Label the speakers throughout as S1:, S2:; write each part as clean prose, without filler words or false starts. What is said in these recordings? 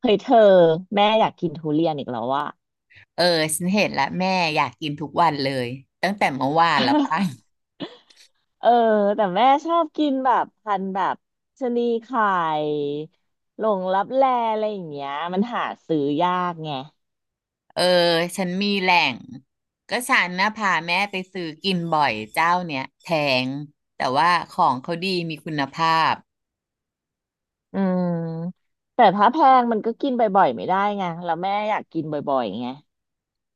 S1: เฮ้ยเธอแม่อยากกินทุเรียนอีกแล้วว่ะ
S2: เออฉันเห็นแล้วแม่อยากกินทุกวันเลยตั้งแต่เมื่อวานแล้วป่ะ
S1: เออแต่แม่ชอบกินแบบพันธุ์แบบชะนีไข่หลงลับแลอะไรอย่างเงี้ยมันหาซื้อยากไง
S2: เออฉันมีแหล่งก็ฉันนะพาแม่ไปซื้อกินบ่อยเจ้าเนี้ยแพงแต่ว่าของเขาดีมีคุณภาพ
S1: อืมแต่ถ้าแพงมันก็กินบ่อยๆไม่ได้ไงแล้วแม่อยากกินบ่อยๆไง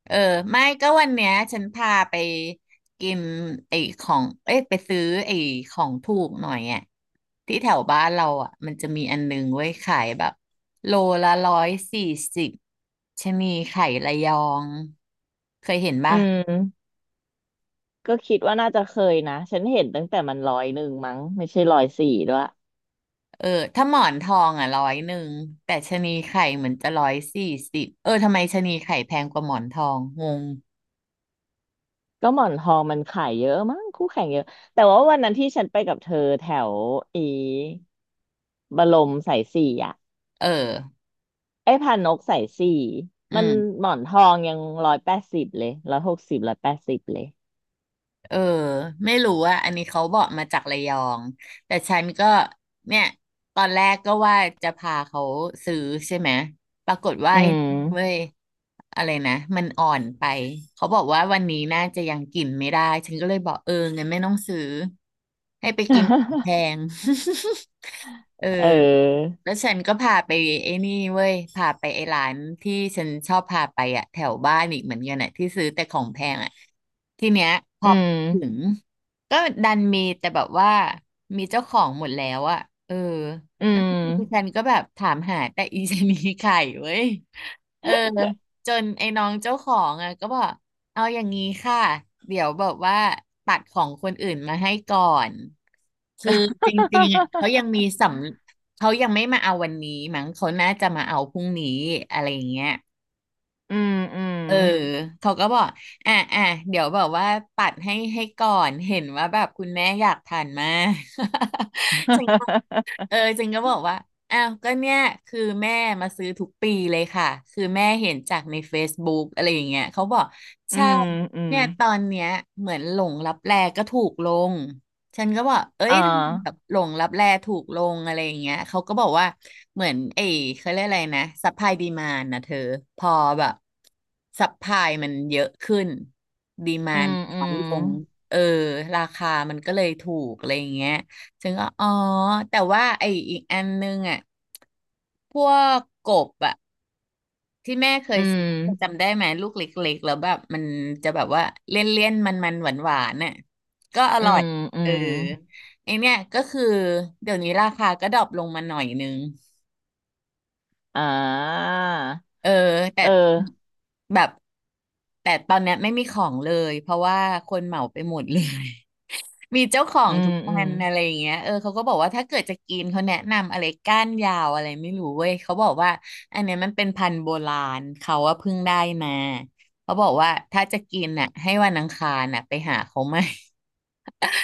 S2: เออไม่ก็วันเนี้ยฉันพาไปกินไอ้ของเอ้ยไปซื้อไอ้ของถูกหน่อยอ่ะที่แถวบ้านเราอ่ะมันจะมีอันนึงไว้ยขายแบบโลละร้อยสี่สิบชะนีไข่ระยองเคยเห็น
S1: อื
S2: ป่ะ
S1: มก็คิดว่าน่าจะเคยนะฉันเห็นตั้งแต่มันร้อยหนึ่งมั้งไม่ใช่ร้อยสี่ด้วย
S2: เออถ้าหมอนทองอ่ะ100แต่ชะนีไข่เหมือนจะร้อยสี่สิบเออทำไมชะนีไข่แพงกว่าหมอนทองงง
S1: ก็หมอนทองมันขายเยอะมั้งคู่แข่งเยอะแต่ว่าวันนั้นที่ฉันไปกับเธอแถวอีบรมสายสี่อ่ะ
S2: เออ
S1: ไอ้พานกสายสี่
S2: อื
S1: มัน
S2: ม
S1: หมอนทองยังร้อยแปดสิบเลยร้อยหกสิบร้อยแปดสิบเลย
S2: เออไม่รู้ว่าอะอันนี้เขาบอกมาจากระยองแต่ฉันก็เนี่ยตอนแรกก็ว่าจะพาเขาซื้อใช่ไหมปรากฏว่า
S1: อื
S2: ไอ้
S1: ม
S2: เว้ยอะไรนะมันอ่อนไปเขาบอกว่าวันนี้น่าจะยังกินไม่ได้ฉันก็เลยบอกเอองั้นไม่ต้องซื้อให้ไปกินของแพ ง เออ
S1: เออ
S2: แล้วฉันก็พาไปไอ้นี่เว้ยพาไปไอ้ร้านที่ฉันชอบพาไปอะแถวบ้านอีกเหมือนกันอะที่ซื้อแต่ของแพงอะทีเนี้ยพ
S1: อื
S2: อถึ
S1: ม
S2: งก็ดันมีแต่แบบว่ามีเจ้าของหมดแล้วอะเออ
S1: อื
S2: แล้ว
S1: ม
S2: พวกฉันก็แบบถามหาแต่อีชะนีไข่เว้ย เออจนไอ้น้องเจ้าของอ่ะก็บอกเอาอย่างนี้ค่ะเดี๋ยวแบบว่าตัดของคนอื่นมาให้ก่อนคือจริงๆอะเขา ยังมีสำเขายังไม่มาเอาวันนี้มั้งเขาน่าจะมาเอาพรุ่งนี้อะไรอย่างเงี้ย
S1: อืมอืม
S2: เออเขาก็บอกอ่ะอ่ะเดี๋ยวแบบว่าปัดให้ก่อนเห็นว่าแบบคุณแม่อยากทานมาก ฉันก็ เออจริงก็บอกว่าอ้าวก็เนี่ยคือแม่มาซื้อทุกปีเลยค่ะ คือแม่เห็นจากใน Facebook อะไรอย่างเงี้ย เขาบอก
S1: อื
S2: ใช่
S1: มอืม
S2: เนี่ยตอนเนี้ยเหมือนหลงลับแลก็ถูกลง ฉันก็บอกเอ้ย
S1: อ่า
S2: ทำไมแบบหลงลับแลถูกลงอะไรอย่างเงี้ย เขาก็บอกว่าเหมือนไอ้เขาเรียกอะไรนะซัพพลายดีมานนะเธอพอแบบซัพพลายมันเยอะขึ้นดีมา
S1: อื
S2: น
S1: มอื
S2: น้อย
S1: ม
S2: ลงเออราคามันก็เลยถูกอะไรอย่างเงี้ย ถึงก็อ๋อแต่ว่าไอ้อีกอันนึงอ่ะพวกกบอ่ะที่แม่เค
S1: อื
S2: ยซื้อ
S1: ม
S2: จำได้ไหมลูกเล็กๆแล้วแบบมันจะแบบว่าเลี่ยนๆมันๆหวานๆน่ะก็อ
S1: อื
S2: ร่อย
S1: มอื
S2: เออ
S1: ม
S2: ไอเนี้ยก็คือเดี๋ยวนี้ราคาก็ดรอปลงมาหน่อยนึง
S1: อ่า
S2: เออแต่
S1: เออ
S2: แบบแต่ตอนเนี้ยไม่มีของเลยเพราะว่าคนเหมาไปหมดเลย มีเจ้าขอ
S1: อื
S2: ง
S1: ม
S2: ทุก
S1: อื
S2: วั
S1: ม
S2: นอะไรอย่างเงี้ยเออเขาก็บอกว่าถ้าเกิดจะกินเขาแนะนำอะไรก้านยาวอะไรไม่รู้เว้ยเขาบอกว่าอันเนี้ยมันเป็นพันธุ์โบราณเขาว่าเพิ่งได้มาเขาบอกว่าถ้าจะกินน่ะให้วันอังคารน่ะไปหาเขาไหม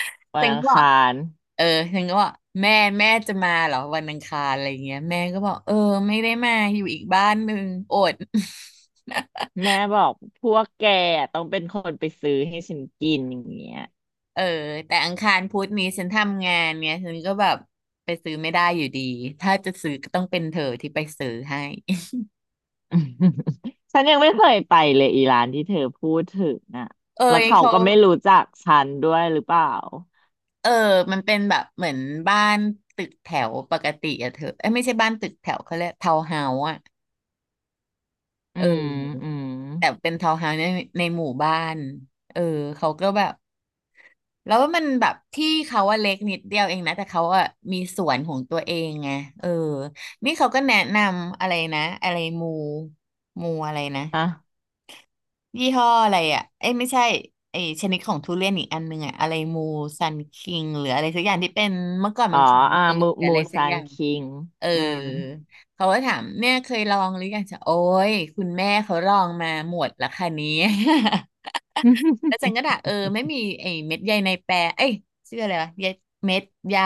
S1: วั
S2: ฉั
S1: น
S2: น
S1: อั
S2: ก็
S1: ง
S2: บ
S1: ค
S2: อก
S1: าร
S2: เออฉันก็บอกแม่แม่จะมาเหรอวันอังคารอะไรอย่างเงี้ยแม่ก็บอกเออไม่ได้มาอยู่อีกบ้านหนึ่งอด
S1: แม่บอกพวกแกต้องเป็นคนไปซื้อให้ฉันกินอย่างเงี้ย
S2: เออแต่อังคารพุธนี้ฉันทำงานเนี่ยฉันก็แบบไปซื้อไม่ได้อยู่ดีถ้าจะซื้อก็ต้องเป็นเธอที่ไปซื้อให้
S1: ฉันยังไม่เคยไปเลยอีร้านที่เธอพูดถึงอ่ะ
S2: เอ
S1: แล้ว
S2: ย
S1: เขา
S2: เขา
S1: ก็ไม่รู้จักฉันด้วยหรือเปล่า
S2: เออมันเป็นแบบเหมือนบ้านตึกแถวปกติอะเธอเอ้ยไม่ใช่บ้านตึกแถวเขาเรียกทาวน์เฮาส์อะ
S1: อื
S2: เ
S1: ม
S2: ออ
S1: อืม
S2: แต่เป็นทาวน์เฮาส์ในหมู่บ้านเออเขาก็แบบแล้วมันแบบที่เขาว่าเล็กนิดเดียวเองนะแต่เขาอะมีสวนของตัวเองไงเออนี่เขาก็แนะนำอะไรนะอะไรมูอะไรนะ
S1: อ่ะ
S2: ยี่ห้ออะไรอ่ะเอ้ยไม่ใช่ไอ้ชนิดของทุเรียนอีกอันหนึงอ่ะอะไรมูซันคิงหรืออะไรสักอย่างที่เป็นเมื่อก่อน
S1: อ๋
S2: มั
S1: อ
S2: นของเมื
S1: อ่า
S2: องหรื
S1: มู
S2: ออะ
S1: มู
S2: ไรสัก
S1: ซา
S2: อ
S1: น
S2: ย่าง
S1: คิง
S2: เออ
S1: อืม
S2: เขาก็ถามเนี่ยเคยลองหรือยังจะโอ้ยคุณแม่เขาลองมาหมดละค่ะเนี้ แล้ว จันก็ด่าเออไม่มีไอ้เม็ดใยในแปรเอ้ยชื่ออะไรวะเยเม็ดใย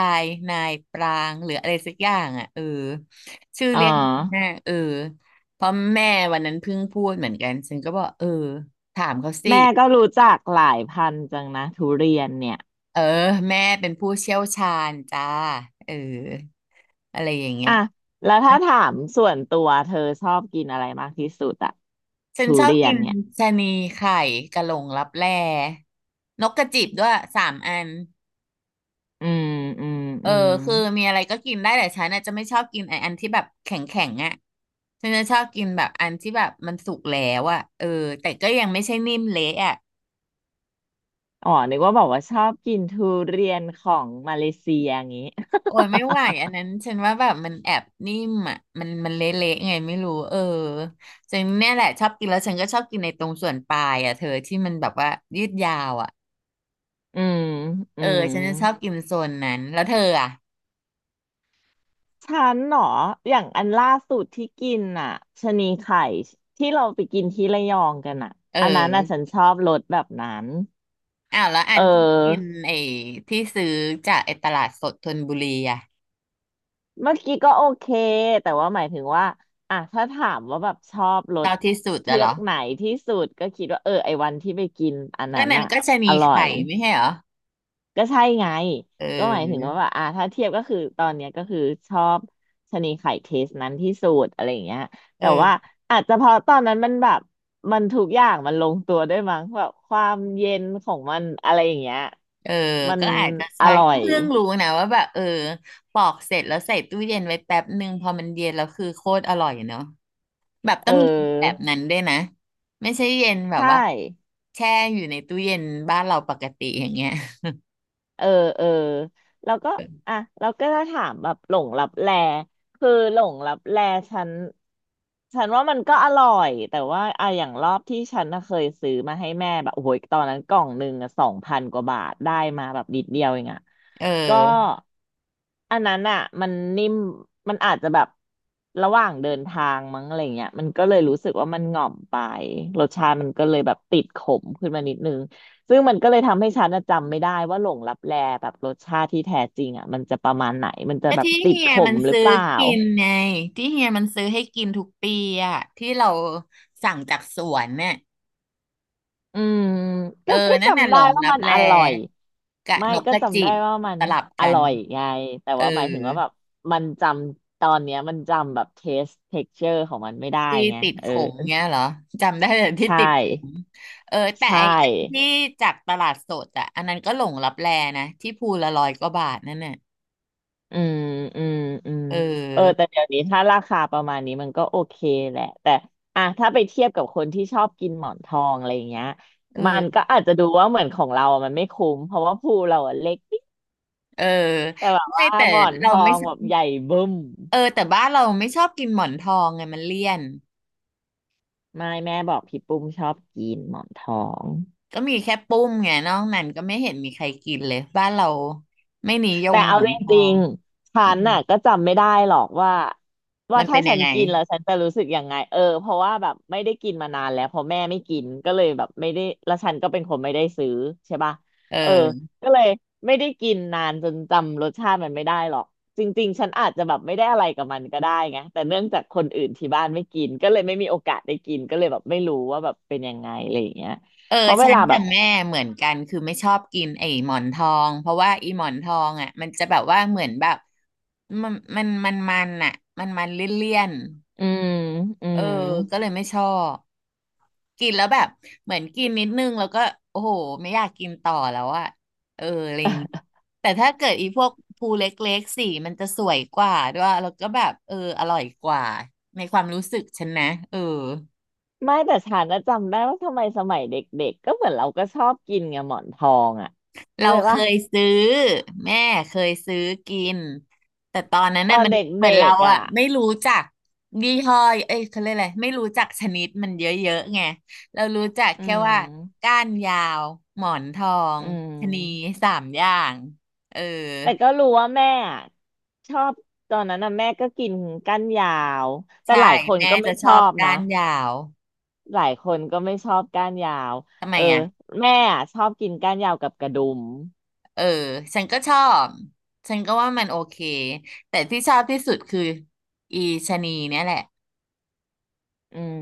S2: นายปรางหรืออะไรสักอย่างอ่ะเออชื่อ
S1: อ๋อ
S2: เรียกแม่เออเพราะแม่วันนั้นเพิ่งพูดเหมือนกันฉันก็บอกเออถามเขาสิ
S1: แม่ก็รู้จักหลายพันธุ์จังนะทุเรียนเนี่ย
S2: เออแม่เป็นผู้เชี่ยวชาญจ้าเอออะไรอย่างเงี้ย
S1: อ่ะแล้วถ้าถามส่วนตัวเธอชอบกินอะไรมากที่สุดอะ
S2: ฉัน
S1: ทุ
S2: ชอบ
S1: เรีย
S2: กิ
S1: น
S2: น
S1: เนี่ย
S2: ชะนีไข่กะหลงลับแลนกกระจิบด้วยสามอัน
S1: อืมอืม
S2: เออ
S1: อืม
S2: คือมีอะไรก็กินได้แต่ฉันน่ะจะไม่ชอบกินไอ้อันที่แบบแข็งแข็งอ่ะฉันจะชอบกินแบบอันที่แบบมันสุกแล้วอ่ะเออแต่ก็ยังไม่ใช่นิ่มเละอ่ะ
S1: อ๋อนึกว่าบอกว่าชอบกินทุเรียนของมาเลเซียอย่างงี้
S2: โอ้ยไม่ไหวอันนั้นฉันว่าแบบมันแอบนิ่มอ่ะมันเละๆไงไม่รู้เออฉันเนี่ยแหละชอบกินแล้วฉันก็ชอบกินในตรงส่วนปลายอ่ะเธอที่มันแบบว่ายืดยาวอ่ะ
S1: อืมอื
S2: เออ
S1: ม
S2: ฉันจะชอบกินโซนนั้นแล้วเธออ่ะ
S1: ฉันเหรออย่างอันล่าสุดที่กินอ่ะชะนีไข่ที่เราไปกินที่ระยองกันอ่ะ
S2: เ
S1: อันนั้นอ่ะ
S2: ออ
S1: ฉันชอบรสแบบนั้น
S2: อ้าวแล้วอั
S1: เ
S2: นที่กิน
S1: ออ
S2: ไอ้ที่ซื้อจากไอ้ตลาดสดธนบุรีอ่ะ
S1: เมื่อกี้ก็โอเคแต่ว่าหมายถึงว่าอ่ะถ้าถามว่าแบบชอบร
S2: ช
S1: ส
S2: อบที่สุด
S1: เทื
S2: อะเห
S1: อ
S2: ร
S1: ก
S2: อ
S1: ไหนที่สุดก็คิดว่าเออไอวันที่ไปกินอัน
S2: ก็
S1: นั้น
S2: นั้น
S1: อ่ะ
S2: ก็จะ
S1: อ
S2: มี
S1: ร่อ
S2: ไข่
S1: ย
S2: ไม่ใช่เหรอ
S1: ก็ใช่ไง
S2: เ
S1: ก็หมายถึงว่า
S2: ออ
S1: แบบอ่าถ้าเทียบก็คือตอนเนี้ยก็คือชอบชะนีไข่เทสนั้นที่สุดอะไรอย่างเงี้ยแต่ว่า
S2: เออ
S1: อาจจะเพราะตอนนั้นมันแบบทุกอย่างมันลงตัวด้วยมั้งแบบความเย็นของมันอะไรอย่างเงี้ย
S2: เออ
S1: มัน
S2: ก็อาจจะ
S1: อ
S2: ใช่
S1: ร่อ
S2: ก็
S1: ย
S2: เพิ่งรู้นะว่าแบบเออปอกเสร็จแล้วใส่ตู้เย็นไว้แป๊บหนึ่งพอมันเย็นแล้วคือโคตรอร่อยเนาะแบบ
S1: เ
S2: ต้องเย็นแบบ
S1: ออ
S2: นั้นด้วยนะไม่ใช่เย็นแบบ
S1: ใช่
S2: ว่าแช่อยู่ในตู้เย็นบ้านเราปกติอย่างเงี้ย
S1: เออเออแล้วก็อ่ะเราก็จะถามแบบหลงลับแลคือหลงลับแลฉันฉันว่ามันก็อร่อยแต่ว่าอ่ะอย่างรอบที่ฉันน่ะเคยซื้อมาให้แม่แบบโอ้โหตอนนั้นกล่องหนึ่งอ่ะสองพันกว่าบาทได้มาแบบนิดเดียวเองอ่ะ
S2: เ
S1: ก็
S2: ออ
S1: อันนั้นอ่ะมันนิ่มมันอาจจะแบบระหว่างเดินทางมั้งอะไรเงี้ยมันก็เลยรู้สึกว่ามันหง่อมไปรสชาติมันก็เลยแบบติดขมขึ้นมานิดนึง ซึ่งมันก็เลยทำให้ฉันน่ะจำไม่ได้ว่าหลงลับแลแบบรสชาติที่แท้จริงอ่ะมันจะประมาณไหนมันจะ
S2: ก็
S1: แบบ
S2: ที่
S1: ติด
S2: เฮี
S1: ข
S2: ยมั
S1: ม
S2: น
S1: หรือ
S2: ซื้อ
S1: เปล่า
S2: กินไงที่เฮียมันซื้อให้กินทุกปีอะที่เราสั่งจากสวนเนี่ย
S1: อืม
S2: เออ
S1: ก็
S2: นั่นน่ะ
S1: จำ
S2: หล
S1: ได้
S2: ง
S1: ว่า
S2: ลับ
S1: มัน
S2: แล
S1: อร่อย
S2: กะ
S1: ไม่
S2: นก
S1: ก็
S2: กระ
S1: จำ
S2: จิ
S1: ได้
S2: บ
S1: ว่ามัน
S2: สลับ
S1: อ
S2: กัน
S1: ร่อยไงแต่
S2: เออ
S1: ว่าหมายถึงว่าแบบมันจำตอนเนี้ยมันจำแบบเทสเท็กเจอร์ของมันไม่ได้
S2: ที่
S1: ไง
S2: ติด
S1: เอ
S2: ข
S1: อ
S2: มเงี้ยเหรอจำได้แต่ที่
S1: ใช่
S2: ติดขมเออแต่
S1: ใช่
S2: ไออันที่จากตลาดสดอ่ะอันนั้นก็หลงลับแลนะที่ภูละร้อยกว่าบาทนั่นน่ะ
S1: อืมอืมอืม
S2: เอ
S1: เออ
S2: อ
S1: แต่เดี๋ยวนี้ถ้าราคาประมาณนี้มันก็โอเคแหละแต่อ่ะถ้าไปเทียบกับคนที่ชอบกินหมอนทองอะไรอย่างเงี้ยมัน
S2: เออ
S1: ก็อาจจะดูว่าเหมือนของเราอะมันไม่คุ้ม เพราะว่าภูเราอะเล็กนิด
S2: เออ
S1: แต่แบบ
S2: ไม่
S1: ว่า
S2: แต่
S1: หมอนท
S2: เรา
S1: อ
S2: ไม่
S1: ง
S2: ส
S1: แบบใหญ่บึ้ม
S2: เออแต่บ้านเราไม่ชอบกินหมอนทองไงมันเลี่ยน
S1: ไม่แม่บอกพี่ปุ้มชอบกินหมอนทอง
S2: ก็มีแค่ปุ้มไงนอกนั้นก็ไม่เห็นมีใครกินเลยบ้านเราไม่นิย
S1: แต่
S2: มหม
S1: เอา
S2: อน
S1: จ
S2: ทอ
S1: ริง
S2: ง
S1: ๆฉั
S2: อื
S1: น
S2: ม
S1: น่ะก็จำไม่ได้หรอกว่า
S2: มัน
S1: ถ้า
S2: เป็น
S1: ฉั
S2: ยัง
S1: น
S2: ไง
S1: กินแล้วฉันจะรู้สึกยังไงเออเพราะว่าแบบไม่ได้กินมานานแล้วเพราะแม่ไม่กินก็เลยแบบไม่ได้แล้วฉันก็เป็นคนไม่ได้ซื้อใช่ป่ะ
S2: เ
S1: เออ
S2: ออ
S1: ก็เลยไม่ได้กินนานจนจำรสชาติมันไม่ได้หรอกจริงๆฉันอาจจะแบบไม่ได้อะไรกับมันก็ได้ไงแต่เนื่องจากคนอื่นที่บ้านไม่กินก็เลยไม่มีโอกาสได้กินก็เลยแบบไม่รู้ว่าแบบเป็นยังไงอะไรอย่างเงี้ย
S2: เออ
S1: เพราะเว
S2: ฉัน
S1: ลาแบ
S2: กับ
S1: บ
S2: แม่เหมือนกันคือไม่ชอบกินไอ้หมอนทองเพราะว่าไอ้หมอนทองอ่ะมันจะแบบว่าเหมือนแบบมันอ่ะมันเลี่ยน
S1: อืมอื
S2: ๆเออ
S1: ม
S2: ก็เลยไม่ชอบกินแล้วแบบเหมือนกินนิดนึงแล้วก็โอ้โหไม่อยากกินต่อแล้วอ่ะเอออะไรอย่างงี้แต่ถ้าเกิดอีพวกภูเล็กๆสีมันจะสวยกว่าด้วยแล้วก็แบบเอออร่อยกว่าในความรู้สึกฉันนะเออ
S1: ไม่แต่ฉันนะจำได้ว่าทำไมสมัยเด็กๆก็เหมือนเราก็ชอบกินไงหมอนทองอ่ะเข้า
S2: เรา
S1: ใจ
S2: เค
S1: ปะ
S2: ยซื้อแม่เคยซื้อกินแต่ตอนนั้น
S1: ตอ
S2: น่ะ
S1: น
S2: มัน
S1: เด
S2: เหมื
S1: ็
S2: อนเรา
S1: กๆอ่ะ
S2: อะไม่รู้จักยี่ห้อเอ้ยเขาเรียกอะไรไม่รู้จักชนิดมันเยอะๆไงเรารู้จัก
S1: อื
S2: แค่ว่า
S1: ม
S2: ก้านยาวหมอนทอง
S1: อื
S2: ชะนี
S1: ม
S2: สามอย่างเออ
S1: แต่ก็รู้ว่าแม่อะชอบตอนนั้นนะแม่ก็กินก้านยาวแต่ห
S2: ใช่
S1: ลายคน
S2: แม่
S1: ก็ไม่
S2: จะช
S1: ชอ
S2: อบ
S1: บนะ
S2: ก้านยาว
S1: หลายคนก็ไม่ชอบก้านยาว
S2: ทำไม
S1: เออ
S2: อ่ะ
S1: แม่อะชอบกินก้านยาวกับกระดุม
S2: เออฉันก็ชอบฉันก็ว่ามันโอเคแต่ที่ชอบที่สุดคืออีชะนีเนี่ยแหละ
S1: อืม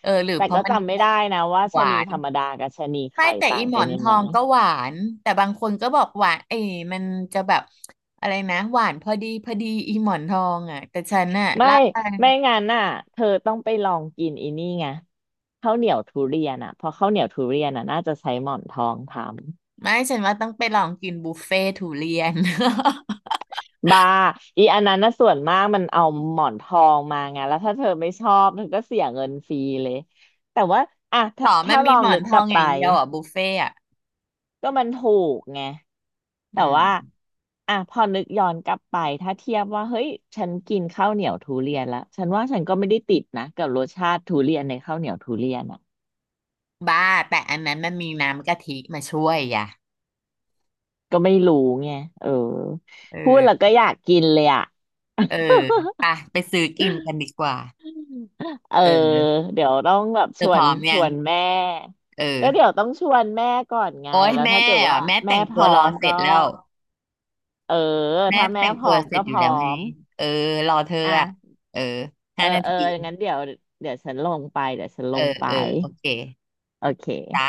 S2: เออหรือ
S1: แต่
S2: เพราะ
S1: ก็
S2: มัน
S1: จำไม่ได้นะว่า
S2: ห
S1: ชะ
S2: วา
S1: นี
S2: น
S1: ธรรมดากับชะนี
S2: ไม่
S1: ไข่
S2: แต่
S1: ต่า
S2: อี
S1: ง
S2: หม
S1: กั
S2: อ
S1: น
S2: น
S1: ยั
S2: ท
S1: ง
S2: อ
S1: ไง
S2: งก็หวานแต่บางคนก็บอกหวานเอ้ยมันจะแบบอะไรนะหวานพอดีพอดีอีหมอนทองอ่ะแต่ฉันน่ะ
S1: ไม่
S2: ล่า
S1: งั้นน่ะเธอต้องไปลองกินอีนี่ไงข้าวเหนียวทุเรียนอ่ะเพราะข้าวเหนียวทุเรียนอ่ะน่าจะใช้หมอนทองทำ
S2: ไม่ฉันว่าต้องไปลองกินบุฟเฟ่ทุเรียน
S1: บาอีอันนั้นน่ะส่วนมากมันเอาหมอนทองมาไงแล้วถ้าเธอไม่ชอบเธอก็เสียเงินฟรีเลยแต่ว่าอ่ะ
S2: ต่อมั
S1: ถ้า
S2: น
S1: ล
S2: มี
S1: อ
S2: ห
S1: ง
S2: มอ
S1: นึ
S2: น
S1: ก
S2: ท
S1: ก
S2: อ
S1: ลั
S2: ง
S1: บ
S2: อ
S1: ไป
S2: ย่างเดียวอ่ะบุฟเฟ่อ่ะ
S1: ก็มันถูกไง
S2: อื
S1: แต่
S2: ม
S1: ว่าอ่ะพอนึกย้อนกลับไปถ้าเทียบว่าเฮ้ยฉันกินข้าวเหนียวทุเรียนแล้วฉันว่าฉันก็ไม่ได้ติดนะกับรสชาติทุเรียนในข้าวเหนียวทุเรียนอ่ะ
S2: บ้าแต่อันนั้นมันมีน้ำกะทิมาช่วยอ่ะ
S1: ก็ไม่รู้ไงเออ
S2: เ
S1: พูดแล้ว
S2: ออ
S1: ก็อยากกินเลยอ่ะ
S2: เออไปไปซื้อกินกันดีกว่า
S1: เออ
S2: เออ
S1: เดี๋ยวต้องแบบ
S2: เธอพร้อม
S1: ช
S2: ยัง
S1: วนแม่
S2: เอ
S1: ก็
S2: อ
S1: เดี๋ยวต้องชวนแม่ก่อนไง
S2: โอ๊ย
S1: แล้วถ้า
S2: แม่
S1: เกิดว่า
S2: อ่ะแม่
S1: แม่
S2: แต่ง
S1: พ
S2: ตัว
S1: ร้อ
S2: รอ
S1: ม
S2: เสร็
S1: ก็
S2: จแล้ว
S1: เออ
S2: แม่
S1: ถ้าแม่
S2: แต่ง
S1: พ
S2: ตั
S1: ร้อ
S2: ว
S1: ม
S2: เสร็
S1: ก็
S2: จอ
S1: พ
S2: ยู่
S1: ร้
S2: แล้
S1: อ
S2: วไง
S1: ม
S2: เออรอเธออ่ะ
S1: อ่ะ
S2: เออ
S1: เอ
S2: ห้า
S1: อ
S2: นา
S1: เอ
S2: ที
S1: องั้นเดี๋ยวฉันลงไปเดี๋ยวฉันล
S2: เออ
S1: งไป
S2: เออโอเค
S1: โอเค
S2: จ้า